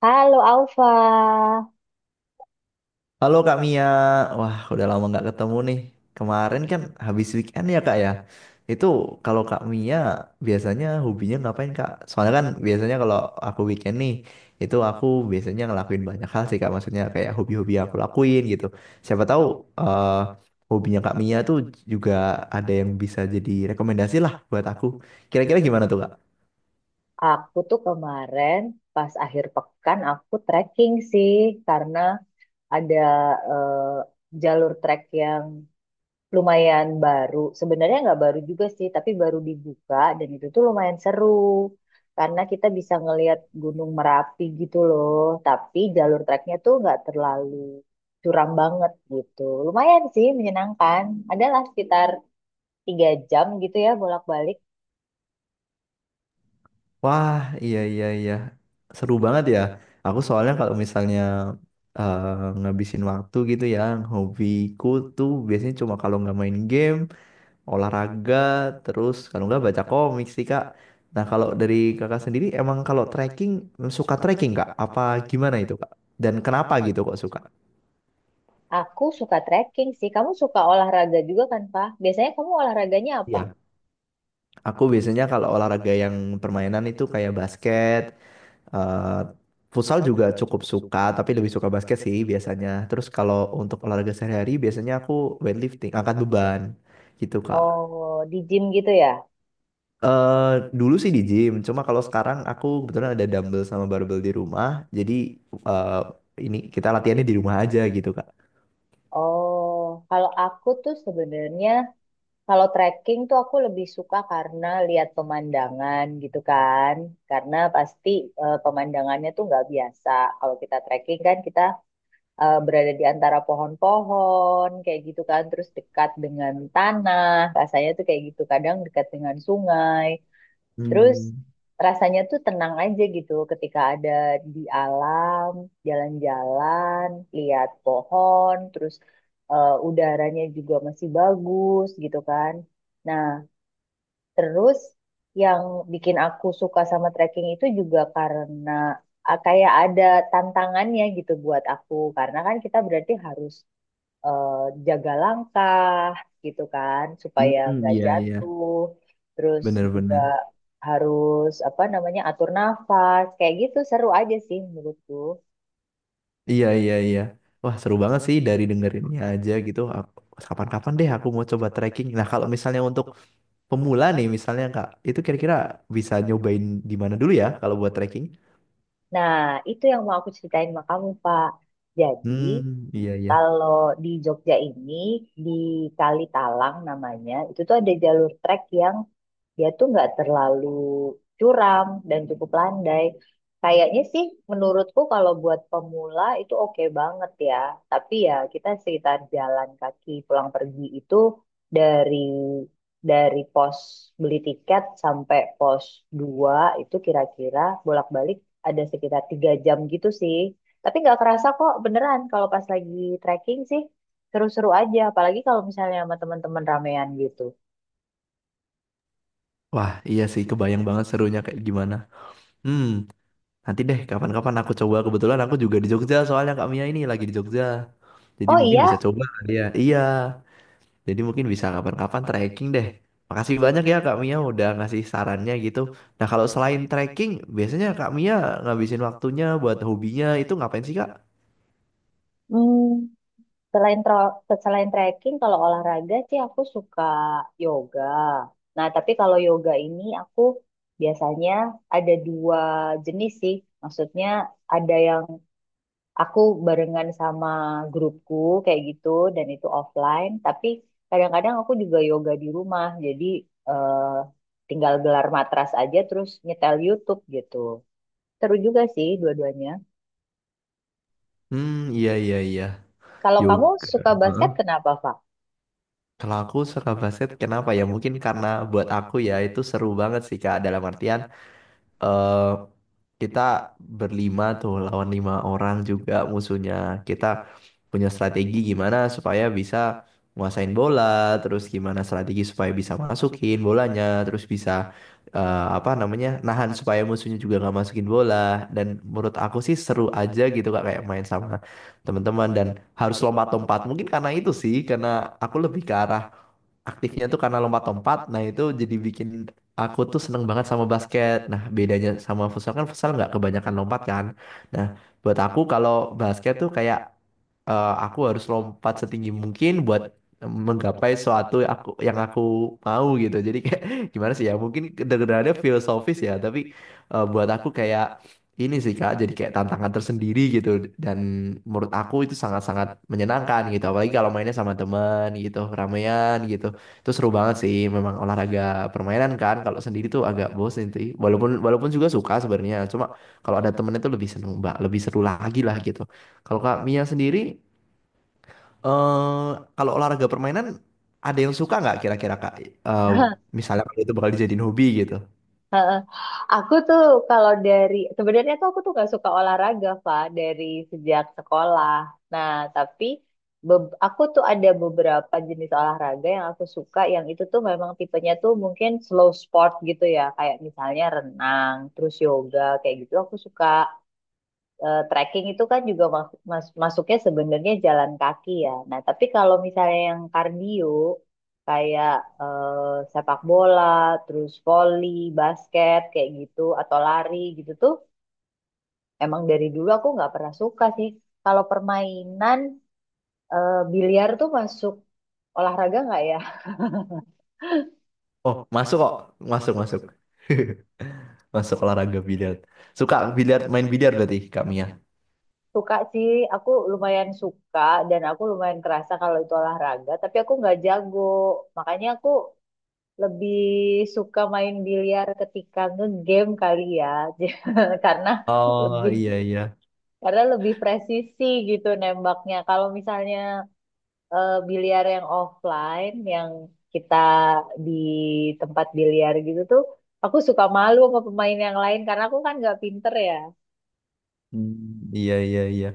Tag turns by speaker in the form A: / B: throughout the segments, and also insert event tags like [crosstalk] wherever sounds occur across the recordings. A: Halo Alfa,
B: Halo Kak Mia, wah udah lama nggak ketemu nih. Kemarin kan habis weekend ya Kak ya. Itu kalau Kak Mia biasanya hobinya ngapain Kak? Soalnya kan biasanya kalau aku weekend nih, itu aku biasanya ngelakuin banyak hal sih Kak. Maksudnya kayak hobi-hobi yang aku lakuin gitu. Siapa tahu eh hobinya Kak Mia tuh juga ada yang bisa jadi rekomendasi lah buat aku. Kira-kira gimana tuh Kak?
A: aku tuh kemarin pas akhir pekan aku trekking sih karena ada eh, jalur trek yang lumayan baru. Sebenarnya nggak baru juga sih, tapi baru dibuka dan itu tuh lumayan seru karena kita bisa ngelihat Gunung Merapi gitu loh. Tapi jalur treknya tuh nggak terlalu curam banget gitu. Lumayan sih menyenangkan. Adalah sekitar 3 jam gitu ya bolak-balik.
B: Wah, iya iya iya. Seru banget ya. Aku soalnya kalau misalnya ngabisin waktu gitu ya, hobiku tuh biasanya cuma kalau nggak main game, olahraga, terus kalau nggak baca komik sih Kak. Nah, kalau dari Kakak sendiri emang kalau trekking suka trekking Kak? Apa gimana itu Kak? Dan kenapa gitu kok suka?
A: Aku suka trekking sih. Kamu suka olahraga juga kan, Pak? Biasanya kamu olahraganya apa?
B: Iya. Aku biasanya kalau olahraga yang permainan itu kayak basket. Eh, Futsal juga cukup suka, tapi lebih suka basket sih biasanya. Terus kalau untuk olahraga sehari-hari, biasanya aku weightlifting, angkat beban gitu, Kak.
A: Oh, di gym gitu ya?
B: eh dulu sih di gym, cuma kalau sekarang aku kebetulan ada dumbbell sama barbell di rumah, jadi eh ini kita latihannya di rumah aja gitu, Kak.
A: Oh, kalau aku tuh sebenarnya kalau trekking tuh aku lebih suka karena lihat pemandangan gitu kan. Karena pasti pemandangannya tuh nggak biasa. Kalau kita trekking kan kita berada di antara pohon-pohon kayak gitu kan. Terus dekat dengan tanah. Rasanya tuh kayak gitu. Kadang dekat dengan sungai. Terus
B: Hmm,
A: rasanya tuh tenang aja gitu ketika ada di alam, jalan-jalan, lihat pohon, terus udaranya juga masih bagus gitu kan. Nah, terus yang bikin aku suka sama trekking itu juga karena ah, kayak ada tantangannya gitu buat aku. Karena kan kita berarti harus eh, jaga langkah gitu kan supaya
B: hmm,
A: nggak
B: iya iya.
A: jatuh terus juga
B: Bener-bener.
A: harus apa namanya atur nafas kayak gitu seru aja sih menurutku.
B: Iya, iya, iya. Wah, seru banget sih dari dengerinnya aja gitu. Aku. Kapan-kapan deh aku mau coba trekking. Nah, kalau misalnya untuk pemula nih misalnya Kak, itu kira-kira bisa nyobain di mana dulu ya kalau buat trekking?
A: Nah itu yang mau aku ceritain sama kamu Pak, jadi
B: Hmm, iya iya.
A: kalau di Jogja ini di Kali Talang namanya itu tuh ada jalur trek yang dia tuh nggak terlalu curam dan cukup landai. Kayaknya sih menurutku kalau buat pemula itu oke banget ya. Tapi ya kita sekitar jalan kaki pulang pergi itu dari pos beli tiket sampai pos 2 itu kira-kira bolak-balik ada sekitar 3 jam gitu sih. Tapi nggak kerasa kok beneran kalau pas lagi trekking sih seru-seru aja. Apalagi kalau misalnya sama teman-teman ramean gitu.
B: Wah, iya sih kebayang banget serunya kayak gimana. Hmm, nanti deh kapan-kapan aku coba. Kebetulan aku juga di Jogja soalnya Kak Mia ini lagi di Jogja. Jadi
A: Oh
B: mungkin
A: iya.
B: bisa coba kali ya. Iya. Jadi mungkin bisa kapan-kapan trekking deh. Makasih banyak ya Kak Mia udah ngasih sarannya gitu. Nah, kalau selain trekking, biasanya Kak Mia ngabisin waktunya buat hobinya itu ngapain sih Kak?
A: Hmm, Selain selain trekking, kalau olahraga sih aku suka yoga. Nah, tapi kalau yoga ini aku biasanya ada dua jenis sih. Maksudnya ada yang aku barengan sama grupku kayak gitu dan itu offline. Tapi kadang-kadang aku juga yoga di rumah. Jadi eh, tinggal gelar matras aja terus nyetel YouTube gitu. Seru juga sih dua-duanya.
B: Hmm, iya iya iya.
A: Kalau kamu
B: Yoga.
A: suka basket, kenapa,
B: Kalau aku suka basket, kenapa ya? Mungkin karena buat aku ya itu seru banget sih Kak. Dalam artian eh kita berlima tuh lawan 5 orang juga musuhnya. Kita punya strategi gimana supaya bisa nguasain bola, terus gimana strategi supaya bisa masukin bolanya, terus bisa apa namanya nahan supaya musuhnya juga nggak masukin bola. Dan menurut aku sih seru aja gitu Kak kayak main sama teman-teman dan harus lompat-lompat. Mungkin karena itu sih, karena aku lebih ke arah aktifnya tuh karena lompat-lompat. Nah itu jadi bikin aku tuh seneng banget sama basket. Nah bedanya sama futsal kan futsal nggak kebanyakan lompat kan. Nah buat aku kalau basket tuh kayak aku harus lompat setinggi mungkin buat menggapai suatu yang aku mau gitu. Jadi kayak [laughs] gimana sih ya? Mungkin kedengarannya filosofis ya, tapi buat aku kayak ini sih Kak, jadi kayak tantangan tersendiri gitu dan menurut aku itu sangat-sangat menyenangkan gitu. Apalagi kalau mainnya sama teman gitu, ramean gitu. Itu seru banget sih memang olahraga permainan kan. Kalau sendiri tuh agak bosen sih. Walaupun walaupun juga suka sebenarnya, cuma kalau ada temen itu lebih seneng, Mbak, lebih seru lagi lah gitu. Kalau Kak Mia sendiri eh kalau olahraga permainan ada yang suka nggak kira-kira Kak? Eh Misalnya kalau itu bakal dijadiin hobi gitu.
A: Pak? Aku tuh kalau dari sebenarnya tuh aku tuh gak suka olahraga, Fa, dari sejak sekolah. Nah, tapi aku tuh ada beberapa jenis olahraga yang aku suka, yang itu tuh memang tipenya tuh mungkin slow sport gitu ya, kayak misalnya renang, terus yoga, kayak gitu aku suka, trekking itu kan juga masuknya sebenarnya jalan kaki ya. Nah, tapi kalau misalnya yang kardio kayak sepak bola, terus voli, basket kayak gitu atau lari gitu tuh emang dari dulu aku nggak pernah suka sih. Kalau permainan, biliar tuh masuk olahraga nggak ya?
B: Oh, masuk kok. Masuk, masuk. [laughs] Masuk olahraga biliar. Suka biliar, main biliar berarti Kak Mia.
A: [laughs] Suka sih, aku lumayan suka dan aku lumayan kerasa kalau itu olahraga, tapi aku nggak jago. Makanya aku lebih suka main biliar ketika ngegame kali ya. [laughs] J- karena
B: Oh,
A: lebih
B: iya iya.
A: karena lebih presisi gitu nembaknya kalau misalnya biliar yang offline yang kita di tempat biliar gitu tuh aku suka malu sama pemain yang lain karena aku kan nggak pinter ya.
B: Hmm, iya iya iya.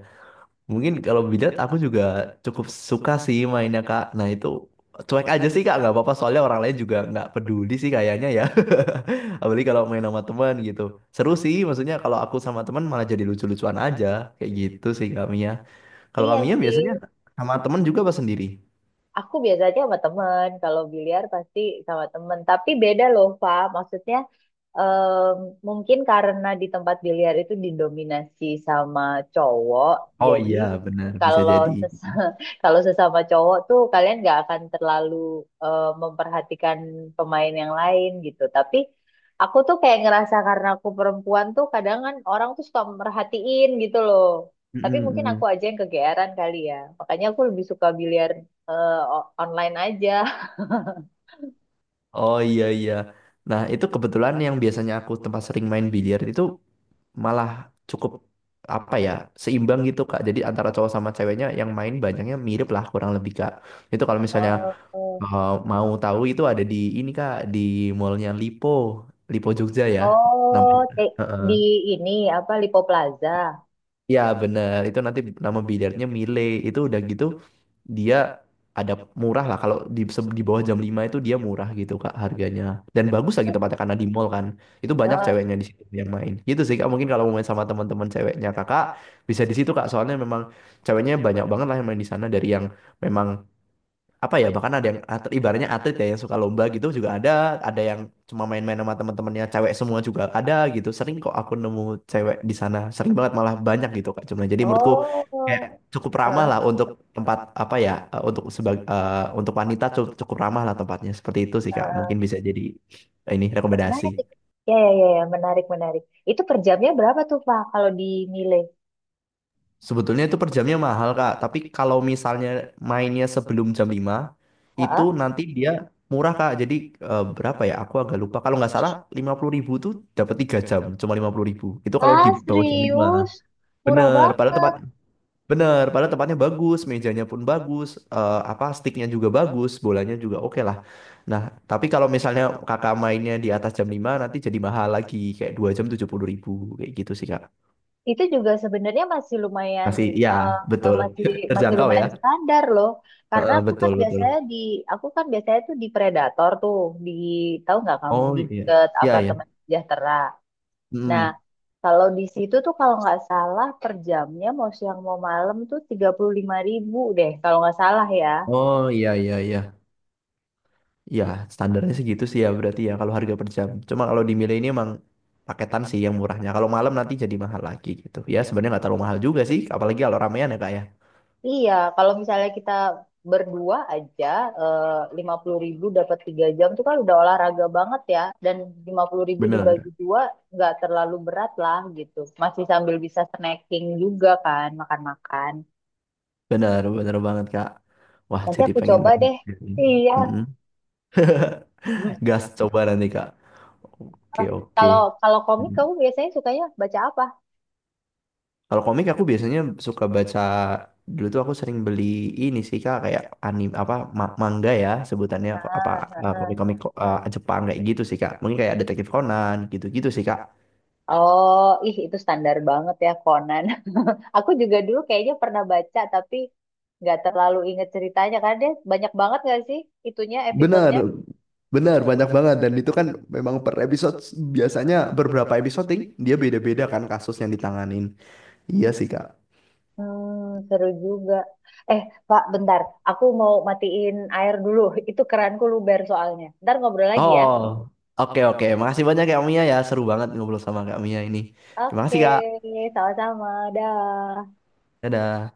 B: Mungkin kalau Bidat aku juga cukup suka sih mainnya Kak. Nah itu cuek aja sih Kak, nggak apa-apa soalnya orang lain juga nggak peduli sih kayaknya ya. [laughs] Apalagi kalau main sama teman gitu. Seru sih, maksudnya kalau aku sama teman malah jadi lucu-lucuan aja. Kayak gitu sih Kak Mia. Kalau Kak
A: Iya
B: Mia
A: sih.
B: biasanya sama teman juga apa sendiri?
A: Aku biasanya sama temen, kalau biliar pasti sama temen. Tapi beda loh, Pak. Maksudnya mungkin karena di tempat biliar itu didominasi sama cowok,
B: Oh
A: jadi
B: iya benar, bisa
A: kalau
B: jadi.
A: ses- [laughs] kalau sesama cowok tuh kalian nggak akan terlalu memperhatikan pemain yang lain gitu. Tapi aku tuh kayak ngerasa karena aku perempuan tuh kadang kan orang tuh suka merhatiin gitu loh.
B: Mm,
A: Tapi mungkin
B: mm,
A: aku
B: mm.
A: aja yang kegeeran kali ya. Makanya aku lebih suka biliar online aja. [laughs]
B: Oh iya iya. Nah itu kebetulan yang biasanya aku tempat sering main biliar itu malah cukup apa ya seimbang gitu Kak. Jadi antara cowok sama ceweknya yang main banyaknya mirip lah kurang lebih Kak. Itu kalau misalnya
A: Oh,
B: mau tahu itu ada di ini Kak di mallnya Lipo, Lipo Jogja ya
A: oh,
B: namanya. Heeh.
A: di ini apa Lipo Plaza.
B: Iya bener itu nanti nama billiardnya Mile itu udah gitu dia ada murah lah kalau di di bawah jam 5 itu dia murah gitu Kak harganya. Dan bagus lagi tempatnya karena di mall kan. Itu banyak
A: Eh,
B: ceweknya di situ yang main. Gitu sih Kak, mungkin kalau mau main sama teman-teman ceweknya Kakak bisa di situ Kak. Soalnya memang ceweknya banyak banget lah yang main di sana dari yang memang apa ya bahkan ada yang atlet, ibaratnya atlet ya yang suka lomba gitu juga ada yang cuma main-main sama teman-temannya cewek semua juga ada gitu, sering kok aku nemu cewek di sana sering banget malah banyak gitu kak. Cuma jadi menurutku kayak
A: oh,
B: cukup ramah
A: eh,
B: lah untuk tempat apa ya, untuk sebagai untuk wanita cukup ramah lah tempatnya seperti itu sih kak,
A: eh,
B: mungkin bisa jadi ini rekomendasi.
A: menarik. Ya, ya, ya, ya, menarik, menarik. Itu per jamnya berapa tuh, Pak, kalau di Mile?
B: Sebetulnya itu per jamnya mahal, Kak. Tapi kalau misalnya mainnya sebelum jam 5, itu
A: Heeh.
B: nanti dia murah, Kak. Jadi berapa ya? Aku agak lupa. Kalau nggak salah 50.000 tuh dapat 3 jam, cuma 50.000. Itu kalau
A: Ah,
B: di bawah jam 5.
A: serius? Murah
B: Bener, padahal tempat
A: banget.
B: bener, padahal tempatnya bagus, mejanya pun bagus, apa sticknya juga bagus, bolanya juga oke lah. Nah, tapi kalau misalnya kakak mainnya di atas jam 5, nanti jadi mahal lagi, kayak 2 jam 70.000, kayak gitu sih, Kak.
A: Itu juga sebenarnya masih lumayan,
B: Masih, ya,
A: eh, eh,
B: betul.
A: masih
B: [laughs]
A: masih
B: Terjangkau ya.
A: lumayan standar loh, karena
B: Heeh, betul betul.
A: aku kan biasanya tuh di Predator tuh di, tahu nggak kamu,
B: Oh
A: di
B: iya,
A: deket
B: iya
A: apartemen
B: iya.
A: sejahtera. Nah
B: Mm.
A: kalau di situ tuh kalau nggak salah per jamnya mau siang mau malam tuh 35.000 deh kalau nggak salah ya.
B: Oh iya iya iya. Iya standarnya segitu sih ya berarti ya kalau harga per jam. Cuma kalau di Mile ini emang paketan sih yang murahnya. Kalau malam nanti jadi mahal lagi gitu. Ya sebenarnya nggak terlalu mahal juga sih, apalagi kalau ramean ya kak ya.
A: Iya, kalau misalnya kita berdua aja eh, 50.000 dapat 3 jam tuh kan udah olahraga banget ya. Dan 50.000 dibagi
B: Bener,
A: dua nggak terlalu berat lah gitu. Masih sambil bisa snacking juga kan, makan-makan.
B: bener, bener banget kak. Wah
A: Nanti
B: jadi
A: aku
B: pengen
A: coba
B: main.
A: deh. Iya.
B: Mm-mm.
A: Hmm.
B: [laughs] Gas coba nanti kak. Oke oke.
A: Kalau kalau komik
B: Hmm.
A: kamu biasanya sukanya baca apa?
B: Kalau komik aku biasanya suka baca, dulu tuh aku sering beli ini sih Kak kayak manga ya sebutannya,
A: Ah, ah, ah.
B: komik-komik Jepang kayak gitu sih Kak. Mungkin kayak Detektif Conan gitu-gitu sih Kak.
A: Oh, ih itu standar banget ya Conan. [laughs] Aku juga dulu kayaknya pernah baca tapi nggak terlalu inget ceritanya karena dia banyak banget nggak sih itunya
B: Benar,
A: episodenya.
B: benar banyak banget dan itu kan memang per episode biasanya beberapa episode dia beda-beda kan kasus yang ditanganin. Iya sih Kak.
A: Seru juga. Eh, Pak, bentar. Aku mau matiin air dulu. [laughs] Itu keranku luber soalnya. Ntar ngobrol lagi ya.
B: Oh, oke oke. Makasih banyak Kak Mia ya. Seru banget ngobrol sama Kak Mia ini. Terima
A: Oke,
B: kasih Kak.
A: sama-sama. Dah.
B: Dadah.